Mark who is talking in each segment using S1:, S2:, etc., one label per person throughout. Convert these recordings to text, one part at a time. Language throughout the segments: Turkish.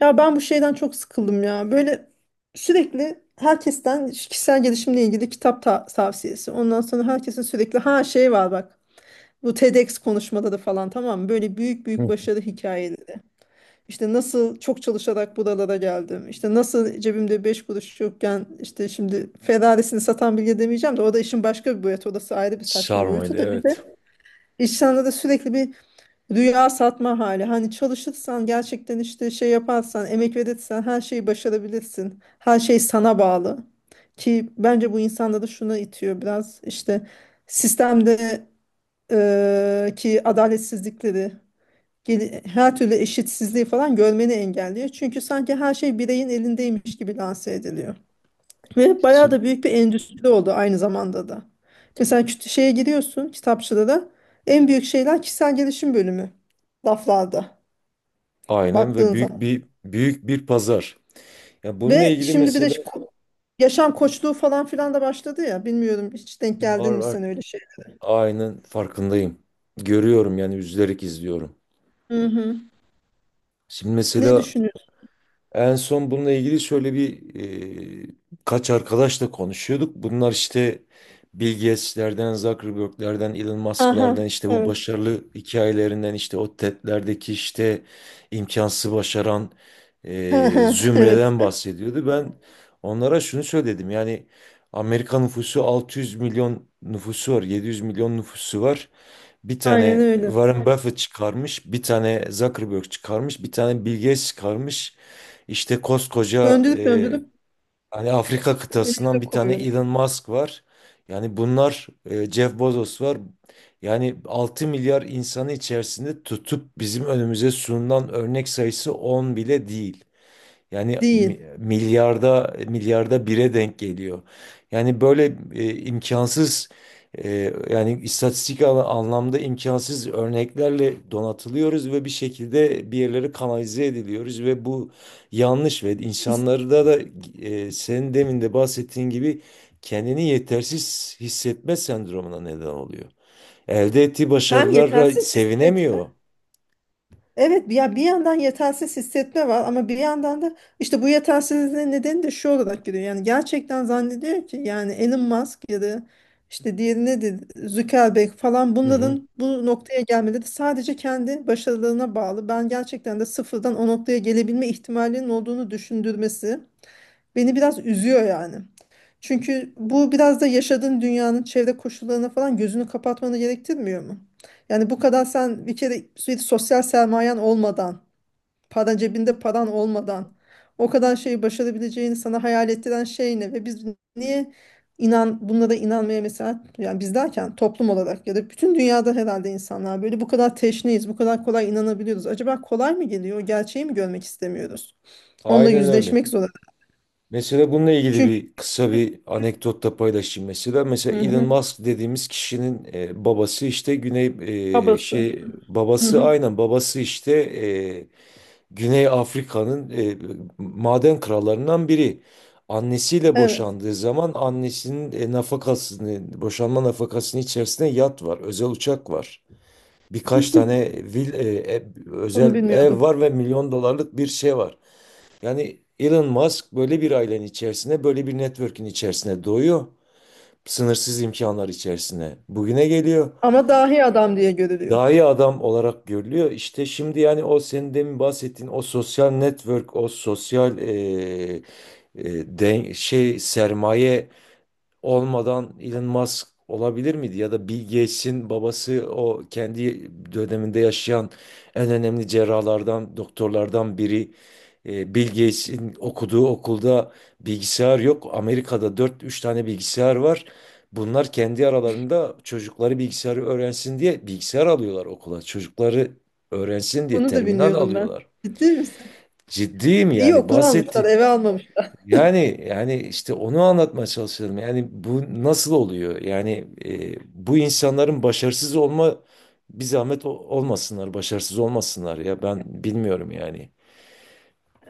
S1: Ya ben bu şeyden çok sıkıldım ya. Böyle sürekli herkesten kişisel gelişimle ilgili kitap tavsiyesi. Ondan sonra herkesin sürekli ha şey var bak. Bu TEDx konuşmaları falan tamam mı? Böyle büyük büyük
S2: Hı.
S1: başarı hikayeleri. İşte nasıl çok çalışarak buralara geldim. İşte nasıl cebimde 5 kuruş yokken işte şimdi Ferrari'sini satan bilge demeyeceğim de o da işin başka bir boyutu. Orası ayrı bir saçma
S2: Sarmaydı,
S1: boyutu da bir
S2: evet.
S1: de insanlara sürekli bir rüya satma hali. Hani çalışırsan gerçekten işte şey yaparsan, emek verirsen her şeyi başarabilirsin. Her şey sana bağlı. Ki bence bu insanları şuna itiyor biraz işte sistemde, ki adaletsizlikleri, her türlü eşitsizliği falan görmeni engelliyor. Çünkü sanki her şey bireyin elindeymiş gibi lanse ediliyor. Ve bayağı
S2: Şimdi,
S1: da büyük bir endüstri oldu aynı zamanda da. Mesela şeye giriyorsun, kitapçıda da en büyük şeyler kişisel gelişim bölümü laflarda
S2: aynen, ve
S1: baktığın
S2: büyük
S1: zaman.
S2: bir büyük bir pazar. Ya bununla
S1: Ve
S2: ilgili
S1: şimdi bir de
S2: mesela
S1: şu yaşam
S2: di-
S1: koçluğu falan filan da başladı ya, bilmiyorum, hiç denk
S2: var
S1: geldin mi
S2: var,
S1: sen öyle şey?
S2: aynen farkındayım. Görüyorum, yani üzülerek izliyorum.
S1: Hı hı.
S2: Şimdi
S1: Ne
S2: mesela
S1: düşünüyorsun?
S2: en son bununla ilgili şöyle bir e, kaç arkadaşla konuşuyorduk. Bunlar işte Bill Gates'lerden, Zuckerberg'lerden, Elon
S1: Aha,
S2: Musk'lardan, işte bu
S1: evet.
S2: başarılı hikayelerinden, işte o TED'lerdeki işte imkansız başaran
S1: Aha, evet.
S2: zümreden bahsediyordu. Ben onlara şunu söyledim, yani Amerika nüfusu 600 milyon nüfusu var, 700 milyon nüfusu var. Bir
S1: Aynen
S2: tane
S1: öyle.
S2: Warren Buffett çıkarmış, bir tane Zuckerberg çıkarmış, bir tane Bill Gates çıkarmış. İşte koskoca
S1: Döndürüp döndürüp
S2: hani Afrika
S1: önümüze
S2: kıtasından bir tane
S1: koyuyorlar.
S2: Elon Musk var. Yani bunlar Jeff Bezos var. Yani 6 milyar insanı içerisinde tutup bizim önümüze sunulan örnek sayısı 10 bile değil. Yani
S1: Değil.
S2: milyarda milyarda bire denk geliyor. Yani böyle imkansız yani anlamda imkansız örneklerle donatılıyoruz ve bir şekilde bir yerlere kanalize ediliyoruz ve bu yanlış ve
S1: Biz-
S2: insanları da senin demin de bahsettiğin gibi kendini yetersiz hissetme sendromuna neden oluyor. Elde ettiği
S1: Hem
S2: başarılara
S1: yetersiz hisset,
S2: sevinemiyor.
S1: Evet, ya bir yandan yetersiz hissetme var ama bir yandan da işte bu yetersizliğin nedeni de şu olarak geliyor. Yani gerçekten zannediyor ki yani Elon Musk ya da işte diğeri nedir, Zuckerberg falan,
S2: Hı hı.
S1: bunların bu noktaya gelmeleri sadece kendi başarılarına bağlı. Ben gerçekten de sıfırdan o noktaya gelebilme ihtimalinin olduğunu düşündürmesi beni biraz üzüyor yani. Çünkü bu biraz da yaşadığın dünyanın çevre koşullarına falan gözünü kapatmanı gerektirmiyor mu? Yani bu kadar sen bir kere sürekli sosyal sermayen olmadan, paran cebinde paran olmadan o kadar şeyi başarabileceğini sana hayal ettiren şey ne? Ve biz niye bunlara inanmaya mesela, yani biz derken toplum olarak ya da bütün dünyada herhalde insanlar, böyle bu kadar teşneyiz, bu kadar kolay inanabiliyoruz. Acaba kolay mı geliyor? O gerçeği mi görmek istemiyoruz? Onunla
S2: Aynen öyle.
S1: yüzleşmek zorunda.
S2: Mesela bununla ilgili
S1: Çünkü.
S2: bir kısa bir anekdot da paylaşayım mesela. Mesela
S1: Hı
S2: Elon
S1: hı.
S2: Musk dediğimiz kişinin babası işte Güney
S1: Babası. Hı
S2: babası,
S1: hı.
S2: aynen, babası işte Güney Afrika'nın maden krallarından biri. Annesiyle
S1: Evet.
S2: boşandığı zaman annesinin nafakasını, boşanma nafakasının içerisinde yat var, özel uçak var. Birkaç tane vil, e, e,
S1: Bunu
S2: özel ev
S1: bilmiyordum.
S2: var ve milyon dolarlık bir şey var. Yani Elon Musk böyle bir ailenin içerisine, böyle bir network'ün içerisine doğuyor. Sınırsız imkanlar içerisine bugüne geliyor.
S1: Ama dahi adam diye görülüyor.
S2: Daha iyi adam olarak görülüyor. İşte şimdi, yani o senin demin bahsettiğin o sosyal network, o sosyal sermaye olmadan Elon Musk olabilir miydi? Ya da Bill Gates'in babası o kendi döneminde yaşayan en önemli cerrahlardan, doktorlardan biri. Bill Gates'in okuduğu okulda bilgisayar yok. Amerika'da dört üç tane bilgisayar var. Bunlar kendi aralarında çocukları bilgisayarı öğrensin diye bilgisayar alıyorlar okula. Çocukları öğrensin diye
S1: Bunu da
S2: terminal
S1: bilmiyordum ben.
S2: alıyorlar.
S1: Ciddi misin?
S2: Ciddiyim,
S1: İyi,
S2: yani
S1: okul almışlar,
S2: bahsetti.
S1: eve almamışlar.
S2: Yani işte onu anlatmaya çalışıyorum. Yani bu nasıl oluyor? Yani bu insanların başarısız olma bir zahmet olmasınlar, başarısız olmasınlar, ya ben bilmiyorum yani.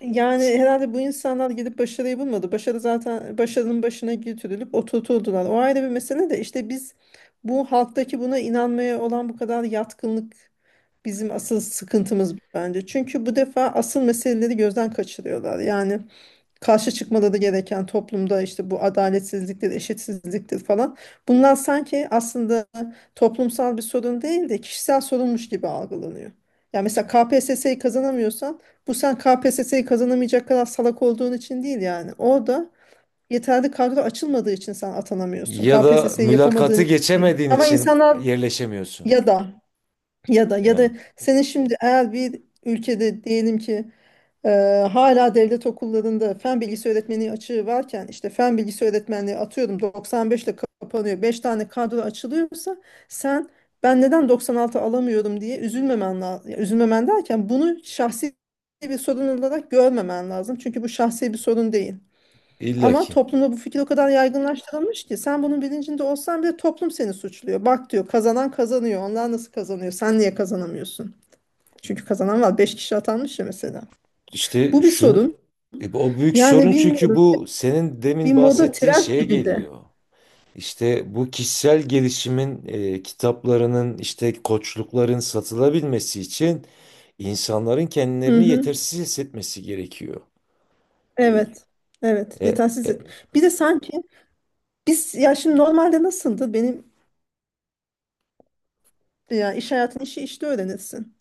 S1: Yani herhalde bu insanlar gidip başarıyı bulmadı. Başarı zaten, başarının başına götürülüp oturtuldular. O ayrı bir mesele de işte biz, bu halktaki buna inanmaya olan bu kadar yatkınlık bizim asıl sıkıntımız bence. Çünkü bu defa asıl meseleleri gözden kaçırıyorlar. Yani karşı çıkmaları gereken toplumda işte bu, adaletsizliktir, eşitsizliktir falan. Bunlar sanki aslında toplumsal bir sorun değil de kişisel sorunmuş gibi algılanıyor. Ya mesela KPSS'yi kazanamıyorsan bu, sen KPSS'yi kazanamayacak kadar salak olduğun için değil yani. Orada yeterli kadro açılmadığı için sen atanamıyorsun.
S2: Ya da
S1: KPSS'yi yapamadığın
S2: mülakatı
S1: için değil.
S2: geçemediğin
S1: Ama
S2: için
S1: insanlar
S2: yerleşemiyorsun.
S1: ya da ya da
S2: Yani
S1: senin şimdi, eğer bir ülkede diyelim ki, e, hala devlet okullarında fen bilgisi öğretmeni açığı varken, işte fen bilgisi öğretmenliği atıyorum 95 ile kapanıyor, 5 tane kadro açılıyorsa sen, ben neden 96 alamıyorum diye üzülmemen lazım. Üzülmemen derken, bunu şahsi bir sorun olarak görmemen lazım. Çünkü bu şahsi bir sorun değil. Ama
S2: illaki.
S1: toplumda bu fikir o kadar yaygınlaştırılmış ki sen bunun bilincinde olsan bile toplum seni suçluyor. Bak, diyor, kazanan kazanıyor. Onlar nasıl kazanıyor? Sen niye kazanamıyorsun? Çünkü kazanan var. Beş kişi atanmış ya mesela.
S2: İşte
S1: Bu bir
S2: şu
S1: sorun.
S2: o büyük
S1: Yani
S2: sorun, çünkü
S1: bilmiyorum.
S2: bu senin
S1: Bir
S2: demin
S1: moda
S2: bahsettiğin
S1: trend
S2: şeye
S1: gibi de.
S2: geliyor. İşte bu kişisel gelişimin kitaplarının, işte koçlukların satılabilmesi için insanların
S1: Hı
S2: kendilerini
S1: hı.
S2: yetersiz hissetmesi gerekiyor.
S1: Evet. Evet.
S2: E,
S1: Yetersiz.
S2: e,
S1: Bir de sanki biz, ya şimdi normalde nasıldı? Benim, ya iş hayatının işi işte öğrenirsin.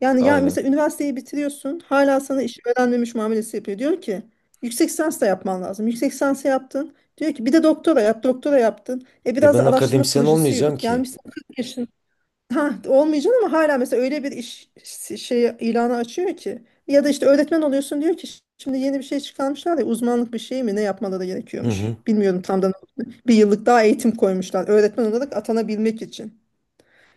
S1: Yani ya
S2: aynen.
S1: mesela üniversiteyi bitiriyorsun, hala sana iş öğrenmemiş muamelesi yapıyor. Diyor ki yüksek lisans da yapman lazım. Yüksek lisans yaptın. Diyor ki bir de doktora yap, doktora yaptın. E
S2: E
S1: biraz da
S2: ben
S1: araştırma
S2: akademisyen
S1: projesi
S2: olmayacağım
S1: yürüt.
S2: ki.
S1: Gelmişsin 40 yaşın. Ha, olmayacak, ama hala mesela öyle bir iş şey ilanı açıyor ki. Ya da işte öğretmen oluyorsun, diyor ki şimdi yeni bir şey çıkarmışlar ya, uzmanlık bir şey mi, ne yapmaları
S2: Hı
S1: gerekiyormuş,
S2: hı.
S1: bilmiyorum tam da ne olduğunu. Bir yıllık daha eğitim koymuşlar öğretmen olarak atanabilmek için.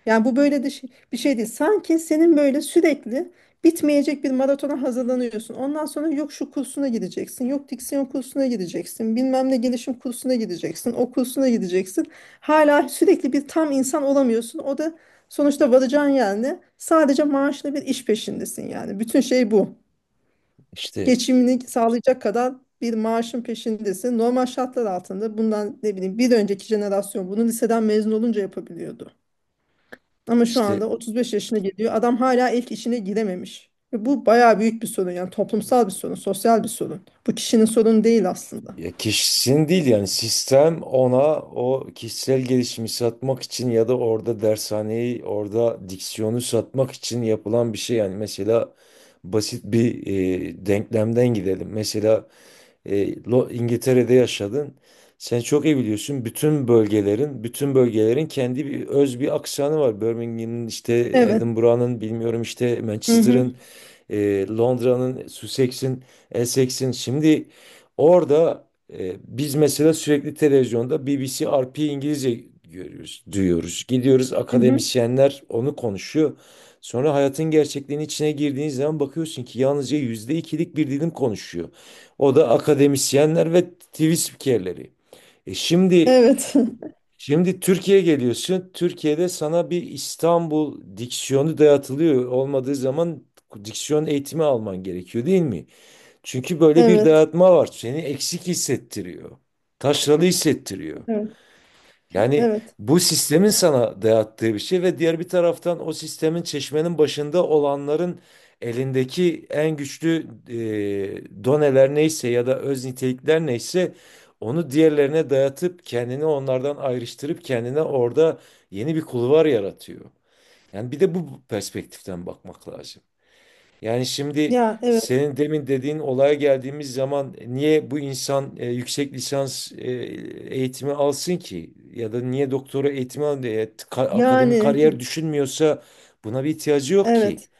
S1: Yani bu böyle de bir şey değil. Sanki senin böyle sürekli bitmeyecek bir maratona hazırlanıyorsun. Ondan sonra yok şu kursuna gideceksin, yok diksiyon kursuna gideceksin, bilmem ne gelişim kursuna gideceksin, o kursuna gideceksin. Hala sürekli, bir tam insan olamıyorsun. O da sonuçta varacağın yer ne? Sadece maaşlı bir iş peşindesin yani. Bütün şey bu.
S2: İşte
S1: Geçimini sağlayacak kadar bir maaşın peşindesin. Normal şartlar altında bundan, ne bileyim, bir önceki jenerasyon bunu liseden mezun olunca yapabiliyordu. Ama şu
S2: işte
S1: anda 35 yaşına geliyor. Adam hala ilk işine girememiş. Ve bu bayağı büyük bir sorun, yani toplumsal bir sorun, sosyal bir sorun. Bu kişinin sorunu değil aslında.
S2: ya kişinin değil, yani sistem ona o kişisel gelişimi satmak için ya da orada dershaneyi, orada diksiyonu satmak için yapılan bir şey. Yani mesela basit bir denklemden gidelim. Mesela, İngiltere'de yaşadın. Sen çok iyi biliyorsun. Bütün bölgelerin kendi bir öz bir aksanı var. Birmingham'ın, işte
S1: Evet.
S2: Edinburgh'ın, bilmiyorum, işte
S1: Hı hı.
S2: Manchester'ın, Londra'nın, Sussex'in, Essex'in. Şimdi orada biz mesela sürekli televizyonda BBC RP İngilizce görüyoruz, duyuyoruz. Gidiyoruz,
S1: Hı hı.
S2: akademisyenler onu konuşuyor. Sonra hayatın gerçekliğinin içine girdiğiniz zaman bakıyorsun ki yalnızca yüzde ikilik bir dilim konuşuyor. O da akademisyenler ve TV spikerleri. E şimdi
S1: Evet.
S2: Şimdi Türkiye'ye geliyorsun. Türkiye'de sana bir İstanbul diksiyonu dayatılıyor. Olmadığı zaman diksiyon eğitimi alman gerekiyor, değil mi? Çünkü böyle bir
S1: Evet.
S2: dayatma var. Seni eksik hissettiriyor. Taşralı hissettiriyor.
S1: Evet.
S2: Yani
S1: Evet.
S2: bu sistemin sana dayattığı bir şey ve diğer bir taraftan o sistemin çeşmenin başında olanların elindeki en güçlü doneler neyse ya da öz nitelikler neyse, onu diğerlerine dayatıp kendini onlardan ayrıştırıp kendine orada yeni bir kulvar yaratıyor. Yani bir de bu perspektiften bakmak lazım. Yani şimdi,
S1: Ya, evet.
S2: senin demin dediğin olaya geldiğimiz zaman niye bu insan yüksek lisans eğitimi alsın ki? Ya da niye doktora eğitimi akademik
S1: Yani,
S2: kariyer düşünmüyorsa, buna bir ihtiyacı yok ki.
S1: evet.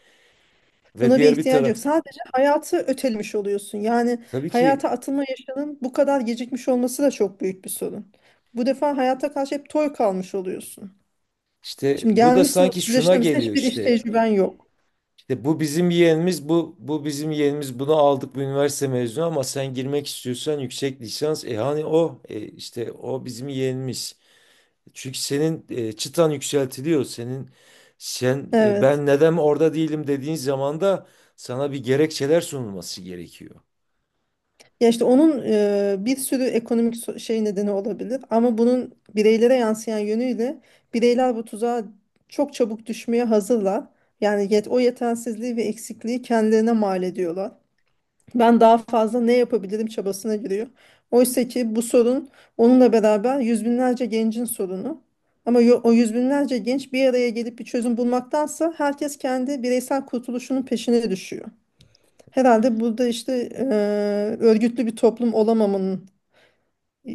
S2: Ve
S1: Buna bir
S2: diğer bir
S1: ihtiyaç
S2: taraf,
S1: yok. Sadece hayatı ötelemiş oluyorsun. Yani
S2: tabii ki
S1: hayata atılma yaşının bu kadar gecikmiş olması da çok büyük bir sorun. Bu defa hayata karşı hep toy kalmış oluyorsun.
S2: işte
S1: Şimdi
S2: bu da
S1: gelmişsin
S2: sanki
S1: 30
S2: şuna
S1: yaşına mesela,
S2: geliyor
S1: hiçbir iş
S2: işte.
S1: tecrüben yok.
S2: İşte bu bizim yeğenimiz, bu bizim yeğenimiz, bunu aldık, bu üniversite mezunu, ama sen girmek istiyorsan yüksek lisans, hani işte o bizim yeğenimiz. Çünkü senin çıtan yükseltiliyor.
S1: Evet.
S2: Ben neden orada değilim dediğin zaman da sana bir gerekçeler sunulması gerekiyor.
S1: Ya işte onun bir sürü ekonomik şey nedeni olabilir, ama bunun bireylere yansıyan yönüyle, bireyler bu tuzağa çok çabuk düşmeye hazırlar. Yani o yetersizliği ve eksikliği kendilerine mal ediyorlar. Ben daha fazla ne yapabilirim çabasına giriyor. Oysa ki bu sorun, onunla beraber yüz binlerce gencin sorunu. Ama o yüz binlerce genç bir araya gelip bir çözüm bulmaktansa, herkes kendi bireysel kurtuluşunun peşine düşüyor. Herhalde burada işte, örgütlü bir toplum olamamanın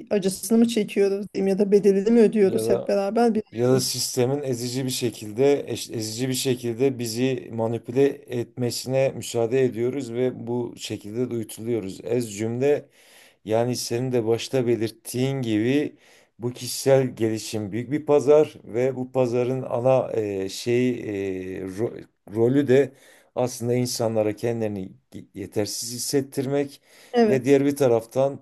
S1: acısını mı çekiyoruz diyeyim, ya da bedelini mi
S2: Ya
S1: ödüyoruz hep
S2: da
S1: beraber? Bir.
S2: ya da sistemin ezici bir şekilde ezici bir şekilde bizi manipüle etmesine müsaade ediyoruz ve bu şekilde de uyutuluyoruz. Ez cümle, yani senin de başta belirttiğin gibi bu kişisel gelişim büyük bir pazar ve bu pazarın ana e, ro- rolü de aslında insanlara kendilerini yetersiz hissettirmek ve
S1: Evet,
S2: diğer bir taraftan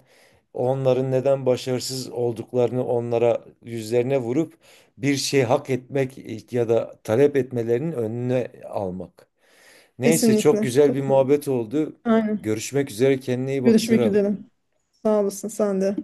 S2: onların neden başarısız olduklarını onlara, yüzlerine vurup bir şey hak etmek ya da talep etmelerinin önüne almak. Neyse, çok
S1: kesinlikle
S2: güzel bir
S1: katılıyorum.
S2: muhabbet oldu.
S1: Aynen.
S2: Görüşmek üzere, kendine iyi bak
S1: Görüşmek üzere.
S2: Serap.
S1: Sağ olasın sen de.